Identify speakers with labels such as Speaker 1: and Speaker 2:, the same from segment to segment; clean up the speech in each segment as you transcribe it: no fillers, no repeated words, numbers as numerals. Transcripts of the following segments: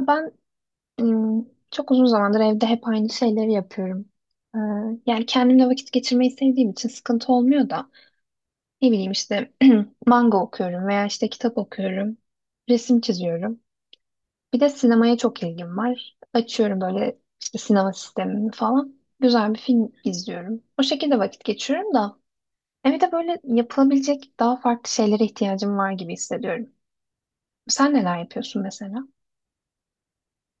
Speaker 1: Ben Çok uzun zamandır evde hep aynı şeyleri yapıyorum. Ee, Yani kendimle vakit geçirmeyi sevdiğim için sıkıntı olmuyor da ne bileyim işte manga okuyorum veya işte kitap okuyorum, resim çiziyorum. Bir de sinemaya çok ilgim var. Açıyorum böyle işte sinema sistemini falan. Güzel bir film izliyorum. O şekilde vakit geçiriyorum da evde böyle yapılabilecek daha farklı şeylere ihtiyacım var gibi hissediyorum. Sen neler yapıyorsun mesela?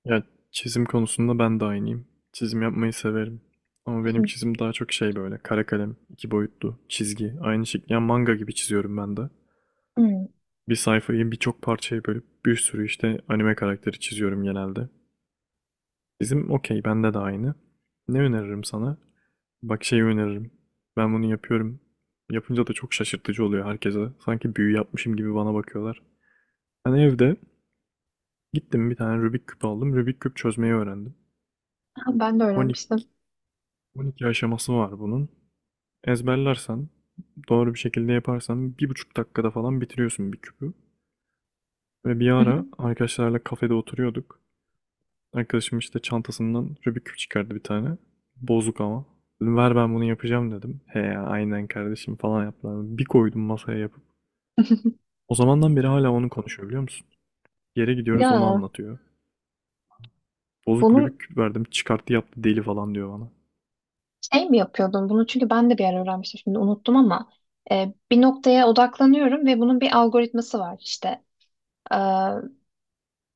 Speaker 2: Ya çizim konusunda ben de aynıyım. Çizim yapmayı severim. Ama benim
Speaker 1: Hı.
Speaker 2: çizim daha çok şey böyle kara kalem, 2 boyutlu, çizgi, aynı şekilde yani manga gibi çiziyorum ben de. Bir sayfayı birçok parçaya bölüp bir sürü işte anime karakteri çiziyorum genelde. Çizim okey, bende de aynı. Ne öneririm sana? Bak şeyi öneririm. Ben bunu yapıyorum. Yapınca da çok şaşırtıcı oluyor herkese. Sanki büyü yapmışım gibi bana bakıyorlar. Ben evde gittim, bir tane Rubik küp aldım. Rubik küp çözmeyi öğrendim.
Speaker 1: Ben de
Speaker 2: 12
Speaker 1: öğrenmiştim.
Speaker 2: 12 aşaması var bunun. Ezberlersen, doğru bir şekilde yaparsan 1,5 dakikada falan bitiriyorsun bir küpü. Ve bir
Speaker 1: Hı hı.
Speaker 2: ara arkadaşlarla kafede oturuyorduk. Arkadaşım işte çantasından Rubik küp çıkardı bir tane. Bozuk ama. Dedim, ver ben bunu yapacağım dedim. He ya, aynen kardeşim falan yaptılar. Bir koydum masaya yapıp. O zamandan beri hala onu konuşuyor, biliyor musun? Yere gidiyoruz, onu
Speaker 1: Ya,
Speaker 2: anlatıyor. Bozuk Rubik
Speaker 1: bunun
Speaker 2: küp verdim, çıkarttı yaptı, deli falan diyor bana.
Speaker 1: şey mi yapıyordun? Bunu çünkü ben de bir ara öğrenmiştim, şimdi unuttum ama bir noktaya odaklanıyorum ve bunun bir algoritması var. İşte e,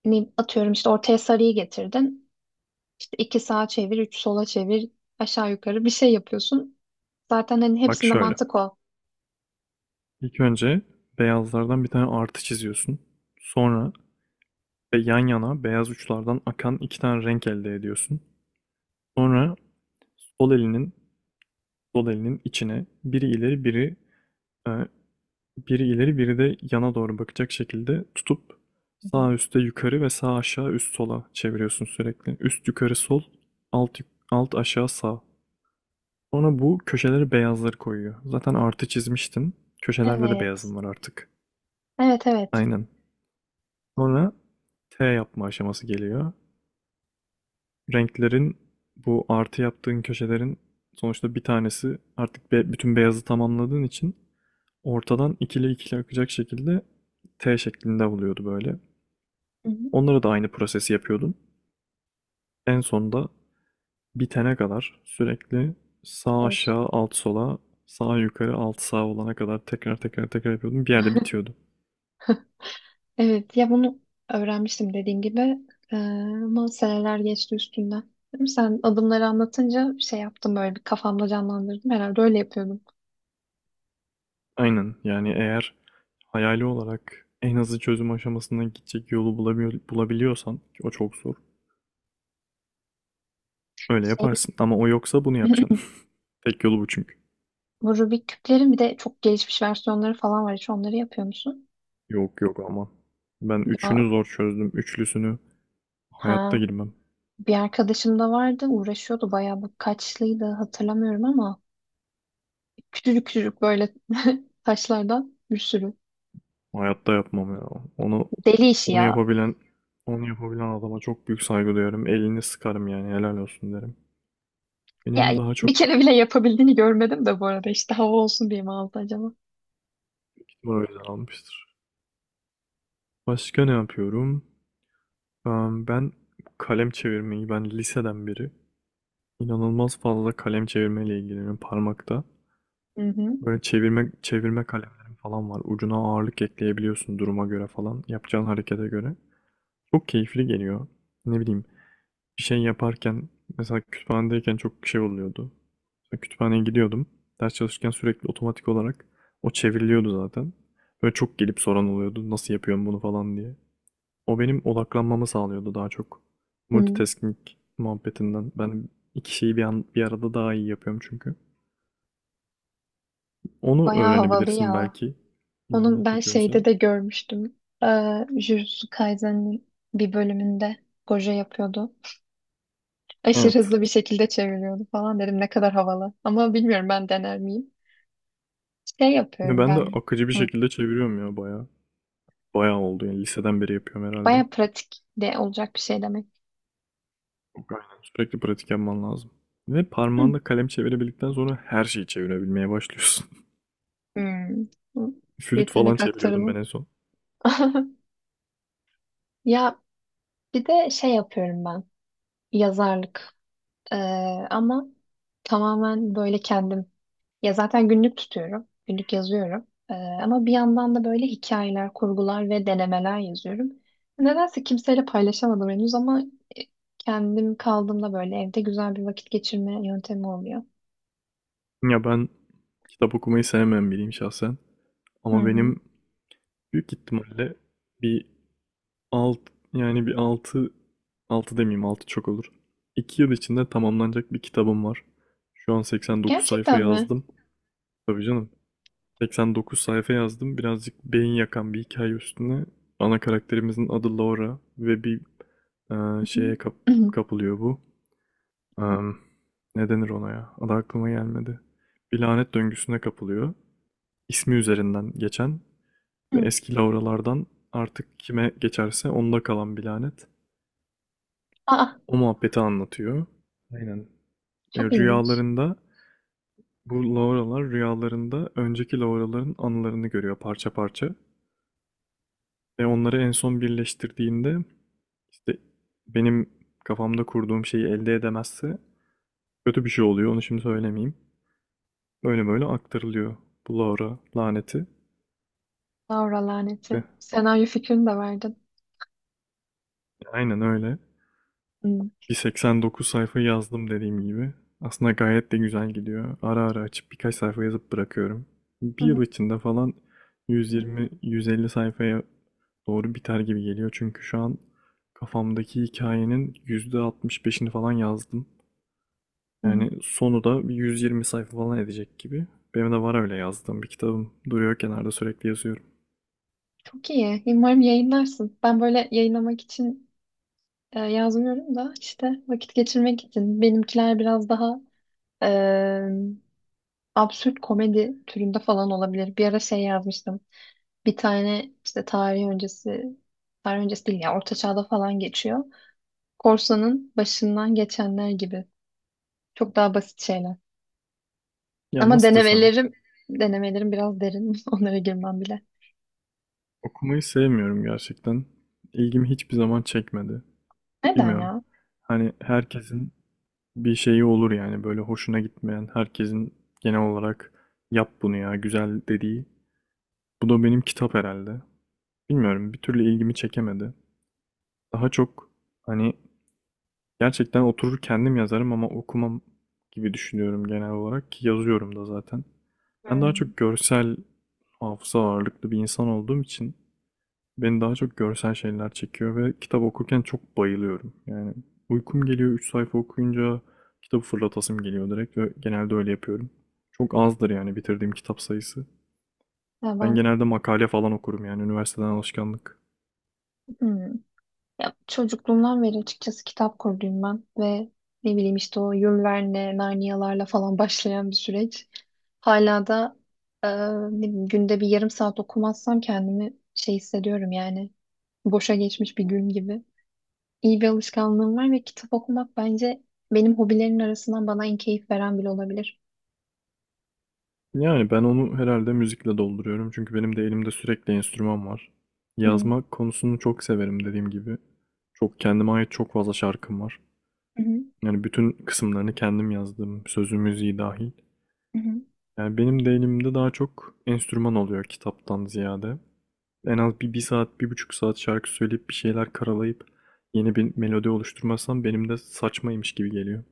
Speaker 1: atıyorum işte ortaya sarıyı getirdin. İşte iki sağa çevir, üç sola çevir, aşağı yukarı bir şey yapıyorsun. Zaten hani
Speaker 2: Bak
Speaker 1: hepsinde
Speaker 2: şöyle.
Speaker 1: mantık o.
Speaker 2: İlk önce beyazlardan bir tane artı çiziyorsun. Sonra ve yan yana beyaz uçlardan akan iki tane renk elde ediyorsun. Sonra sol elinin sol elinin içine e, Biri ileri biri de yana doğru bakacak şekilde tutup
Speaker 1: Hı hı.
Speaker 2: sağ üste yukarı ve sağ aşağı üst sola çeviriyorsun sürekli. Üst yukarı sol, alt, alt aşağı sağ. Sonra bu köşeleri beyazları koyuyor. Zaten artı çizmiştin. Köşelerde de
Speaker 1: Evet.
Speaker 2: beyazım var artık.
Speaker 1: Evet evet.
Speaker 2: Aynen. Sonra T yapma aşaması geliyor. Renklerin, bu artı yaptığın köşelerin sonuçta bir tanesi artık, bütün beyazı tamamladığın için ortadan ikili ikili akacak şekilde T şeklinde oluyordu böyle.
Speaker 1: Hı hı.
Speaker 2: Onlara da aynı prosesi yapıyordum. En sonunda bitene kadar sürekli sağ
Speaker 1: Evet.
Speaker 2: aşağı alt sola, sağ yukarı alt sağ olana kadar tekrar tekrar tekrar yapıyordum. Bir yerde bitiyordu.
Speaker 1: Evet ya, bunu öğrenmiştim dediğim gibi. Ama seneler geçti üstünden. Değil mi? Sen adımları anlatınca şey yaptım, böyle bir kafamda canlandırdım. Herhalde öyle yapıyordum.
Speaker 2: Aynen, yani eğer hayali olarak en hızlı çözüm aşamasına gidecek yolu bulabiliyorsan ki o çok zor. Öyle
Speaker 1: Şey,
Speaker 2: yaparsın, ama o yoksa bunu yapacaksın. Tek yolu bu çünkü.
Speaker 1: bu Rubik küplerin bir de çok gelişmiş versiyonları falan var. Hiç onları yapıyor musun?
Speaker 2: Yok yok, aman. Ben
Speaker 1: Ya,
Speaker 2: üçünü zor çözdüm. Üçlüsünü hayatta
Speaker 1: ha.
Speaker 2: girmem.
Speaker 1: Bir arkadaşım da vardı, uğraşıyordu bayağı, bu kaçlıydı hatırlamıyorum ama küçücük küçücük böyle taşlardan bir sürü.
Speaker 2: Hayatta yapmam ya. Onu
Speaker 1: Deli işi
Speaker 2: onu
Speaker 1: ya.
Speaker 2: yapabilen onu yapabilen adama çok büyük saygı duyarım. Elini sıkarım, yani helal olsun derim. Benim
Speaker 1: Ya
Speaker 2: daha
Speaker 1: bir
Speaker 2: çok
Speaker 1: kere bile yapabildiğini görmedim de bu arada, işte hava olsun diye mi aldı acaba?
Speaker 2: gitme, o yüzden almıştır. Başka ne yapıyorum? Ben kalem çevirmeyi, ben liseden beri inanılmaz fazla kalem çevirmeyle ilgileniyorum parmakta.
Speaker 1: Hı hı.
Speaker 2: Böyle çevirme çevirme kalemlerim falan var. Ucuna ağırlık ekleyebiliyorsun duruma göre falan. Yapacağın harekete göre. Çok keyifli geliyor. Ne bileyim, bir şey yaparken, mesela kütüphanedeyken çok şey oluyordu. Mesela kütüphaneye gidiyordum. Ders çalışırken sürekli otomatik olarak o çevriliyordu zaten. Böyle çok gelip soran oluyordu, nasıl yapıyorum bunu falan diye. O benim odaklanmamı sağlıyordu daha çok.
Speaker 1: Hı.
Speaker 2: Multitasking muhabbetinden. Ben iki şeyi bir arada daha iyi yapıyorum çünkü. Onu
Speaker 1: Bayağı havalı
Speaker 2: öğrenebilirsin
Speaker 1: ya.
Speaker 2: belki, ilgini
Speaker 1: Onun ben
Speaker 2: çekiyorsa.
Speaker 1: şeyde de görmüştüm. Jujutsu Kaisen'in bir bölümünde Gojo yapıyordu. Aşırı
Speaker 2: Evet.
Speaker 1: hızlı bir şekilde çeviriyordu falan, dedim ne kadar havalı. Ama bilmiyorum, ben dener miyim? Şey yapıyorum
Speaker 2: Ben de
Speaker 1: ben.
Speaker 2: akıcı bir
Speaker 1: Hı.
Speaker 2: şekilde çeviriyorum ya, bayağı. Bayağı oldu yani, liseden beri yapıyorum herhalde.
Speaker 1: Baya pratik de olacak bir şey demek.
Speaker 2: Aynen. Sürekli pratik yapman lazım. Ve
Speaker 1: Hı.
Speaker 2: parmağında kalem çevirebildikten sonra her şeyi çevirebilmeye başlıyorsun.
Speaker 1: Hmm. Hı.
Speaker 2: Flüt falan
Speaker 1: Yetenek
Speaker 2: çeviriyordum ben
Speaker 1: aktarımı.
Speaker 2: en son.
Speaker 1: Ya bir de şey yapıyorum ben. Yazarlık. Ee, Ama tamamen böyle kendim. Ya zaten günlük tutuyorum. Günlük yazıyorum. Ama bir yandan da böyle hikayeler, kurgular ve denemeler yazıyorum. Nedense kimseyle paylaşamadım henüz ama e, kendim kaldığımda böyle evde güzel bir vakit geçirme yöntemi oluyor.
Speaker 2: Ya ben kitap okumayı sevmem biriyim şahsen.
Speaker 1: Hı
Speaker 2: Ama
Speaker 1: hı.
Speaker 2: benim büyük ihtimalle bir alt, yani bir altı, altı demeyeyim, altı çok olur. 2 yıl içinde tamamlanacak bir kitabım var. Şu an 89 sayfa
Speaker 1: Gerçekten mi?
Speaker 2: yazdım. Tabii canım. 89 sayfa yazdım. Birazcık beyin yakan bir hikaye üstüne. Ana karakterimizin adı Laura ve bir şeye
Speaker 1: Hı hı.
Speaker 2: kapılıyor bu. Am, ne denir ona ya? Adı aklıma gelmedi. Bir lanet döngüsüne kapılıyor. İsmi üzerinden geçen ve eski Laura'lardan artık kime geçerse onda kalan bir lanet.
Speaker 1: Aa,
Speaker 2: O muhabbeti anlatıyor. Aynen. E,
Speaker 1: çok ilginç.
Speaker 2: rüyalarında bu Laura'lar rüyalarında önceki Laura'ların anılarını görüyor parça parça. Ve onları en son birleştirdiğinde, işte benim kafamda kurduğum şeyi elde edemezse kötü bir şey oluyor. Onu şimdi söylemeyeyim. Böyle böyle aktarılıyor bu Laura laneti.
Speaker 1: Laura laneti.
Speaker 2: Ve
Speaker 1: Senaryo fikrini de verdin.
Speaker 2: aynen öyle.
Speaker 1: Hmm.
Speaker 2: Bir 89 sayfa yazdım dediğim gibi. Aslında gayet de güzel gidiyor. Ara ara açıp birkaç sayfa yazıp bırakıyorum.
Speaker 1: Hı
Speaker 2: Bir
Speaker 1: hı.
Speaker 2: yıl içinde falan 120-150 sayfaya doğru biter gibi geliyor. Çünkü şu an kafamdaki hikayenin %65'ini falan yazdım.
Speaker 1: Hmm.
Speaker 2: Yani sonu da bir 120 sayfa falan edecek gibi. Benim de var öyle yazdığım bir kitabım. Duruyor kenarda, sürekli yazıyorum.
Speaker 1: Çok iyi. Umarım yayınlarsın. Ben böyle yayınlamak için yazmıyorum da işte vakit geçirmek için. Benimkiler biraz daha e, absürt komedi türünde falan olabilir. Bir ara şey yazmıştım. Bir tane işte tarih öncesi, tarih öncesi değil ya, orta çağda falan geçiyor. Korsanın başından geçenler gibi. Çok daha basit şeyler.
Speaker 2: Ya
Speaker 1: Ama
Speaker 2: nasıl desem,
Speaker 1: denemelerim biraz derin. Onlara girmem bile.
Speaker 2: okumayı sevmiyorum gerçekten. İlgimi hiçbir zaman çekmedi.
Speaker 1: Neden
Speaker 2: Bilmiyorum.
Speaker 1: ya?
Speaker 2: Hani herkesin bir şeyi olur yani, böyle hoşuna gitmeyen, herkesin genel olarak yap bunu ya güzel dediği. Bu da benim kitap herhalde. Bilmiyorum, bir türlü ilgimi çekemedi. Daha çok hani, gerçekten oturur kendim yazarım ama okumam gibi düşünüyorum genel olarak ki yazıyorum da zaten. Ben daha
Speaker 1: Hmm.
Speaker 2: çok görsel hafıza ağırlıklı bir insan olduğum için beni daha çok görsel şeyler çekiyor ve kitap okurken çok bayılıyorum. Yani uykum geliyor, 3 sayfa okuyunca kitabı fırlatasım geliyor direkt ve genelde öyle yapıyorum. Çok azdır yani bitirdiğim kitap sayısı.
Speaker 1: Ya
Speaker 2: Ben
Speaker 1: ben
Speaker 2: genelde makale falan okurum, yani üniversiteden alışkanlık.
Speaker 1: Hmm. Ya çocukluğumdan beri açıkçası kitap kurduyum ben ve ne bileyim, işte o Jules Verne, Narnia'larla falan başlayan bir süreç. Hala da e, ne bileyim, günde bir yarım saat okumazsam kendimi şey hissediyorum, yani boşa geçmiş bir gün gibi. İyi bir alışkanlığım var ve kitap okumak bence benim hobilerin arasından bana en keyif veren bile olabilir.
Speaker 2: Yani ben onu herhalde müzikle dolduruyorum. Çünkü benim de elimde sürekli enstrüman var.
Speaker 1: Hı
Speaker 2: Yazma konusunu çok severim dediğim gibi. Çok kendime ait çok fazla şarkım var.
Speaker 1: hı hı.
Speaker 2: Yani bütün kısımlarını kendim yazdım. Sözü müziği dahil.
Speaker 1: Hı.
Speaker 2: Yani benim de elimde daha çok enstrüman oluyor kitaptan ziyade. En az 1 saat, 1,5 saat şarkı söyleyip bir şeyler karalayıp yeni bir melodi oluşturmazsam benim de saçmaymış gibi geliyor.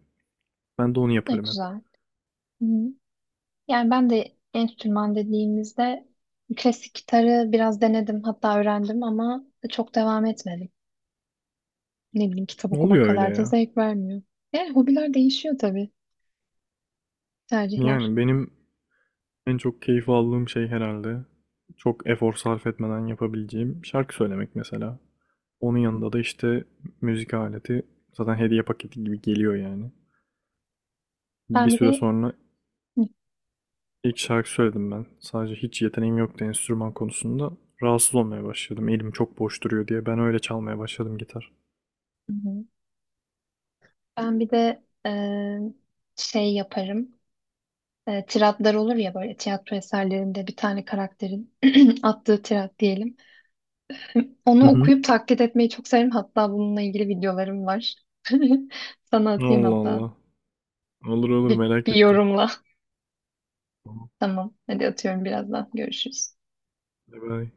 Speaker 2: Ben de onu
Speaker 1: Bu da
Speaker 2: yaparım hep.
Speaker 1: güzel. Hı hı. Yani ben de enstrüman dediğimizde klasik gitarı biraz denedim, hatta öğrendim ama çok devam etmedim. Ne bileyim, kitap
Speaker 2: Ne
Speaker 1: okumak
Speaker 2: oluyor öyle
Speaker 1: kadar da
Speaker 2: ya?
Speaker 1: zevk vermiyor. Yani hobiler değişiyor tabii, tercihler.
Speaker 2: Yani benim en çok keyif aldığım şey herhalde çok efor sarf etmeden yapabileceğim şarkı söylemek mesela. Onun yanında da işte müzik aleti zaten hediye paketi gibi geliyor yani. Bir
Speaker 1: Ben bir
Speaker 2: süre
Speaker 1: de
Speaker 2: sonra
Speaker 1: Hı
Speaker 2: ilk şarkı söyledim ben. Sadece hiç yeteneğim yoktu enstrüman konusunda. Rahatsız olmaya başladım. Elim çok boş duruyor diye ben öyle çalmaya başladım gitar.
Speaker 1: hı. Ben bir de şey yaparım. E, tiratlar olur ya böyle tiyatro eserlerinde, bir tane karakterin attığı tirat diyelim.
Speaker 2: Hı
Speaker 1: Onu
Speaker 2: hı.
Speaker 1: okuyup taklit etmeyi çok severim. Hatta bununla ilgili videolarım var. Sana atayım
Speaker 2: Allah
Speaker 1: hatta.
Speaker 2: Allah. Olur olur,
Speaker 1: Bir,
Speaker 2: merak
Speaker 1: bir
Speaker 2: ettim.
Speaker 1: yorumla.
Speaker 2: Tamam.
Speaker 1: Tamam. Hadi atıyorum birazdan. Görüşürüz.
Speaker 2: Bye bye.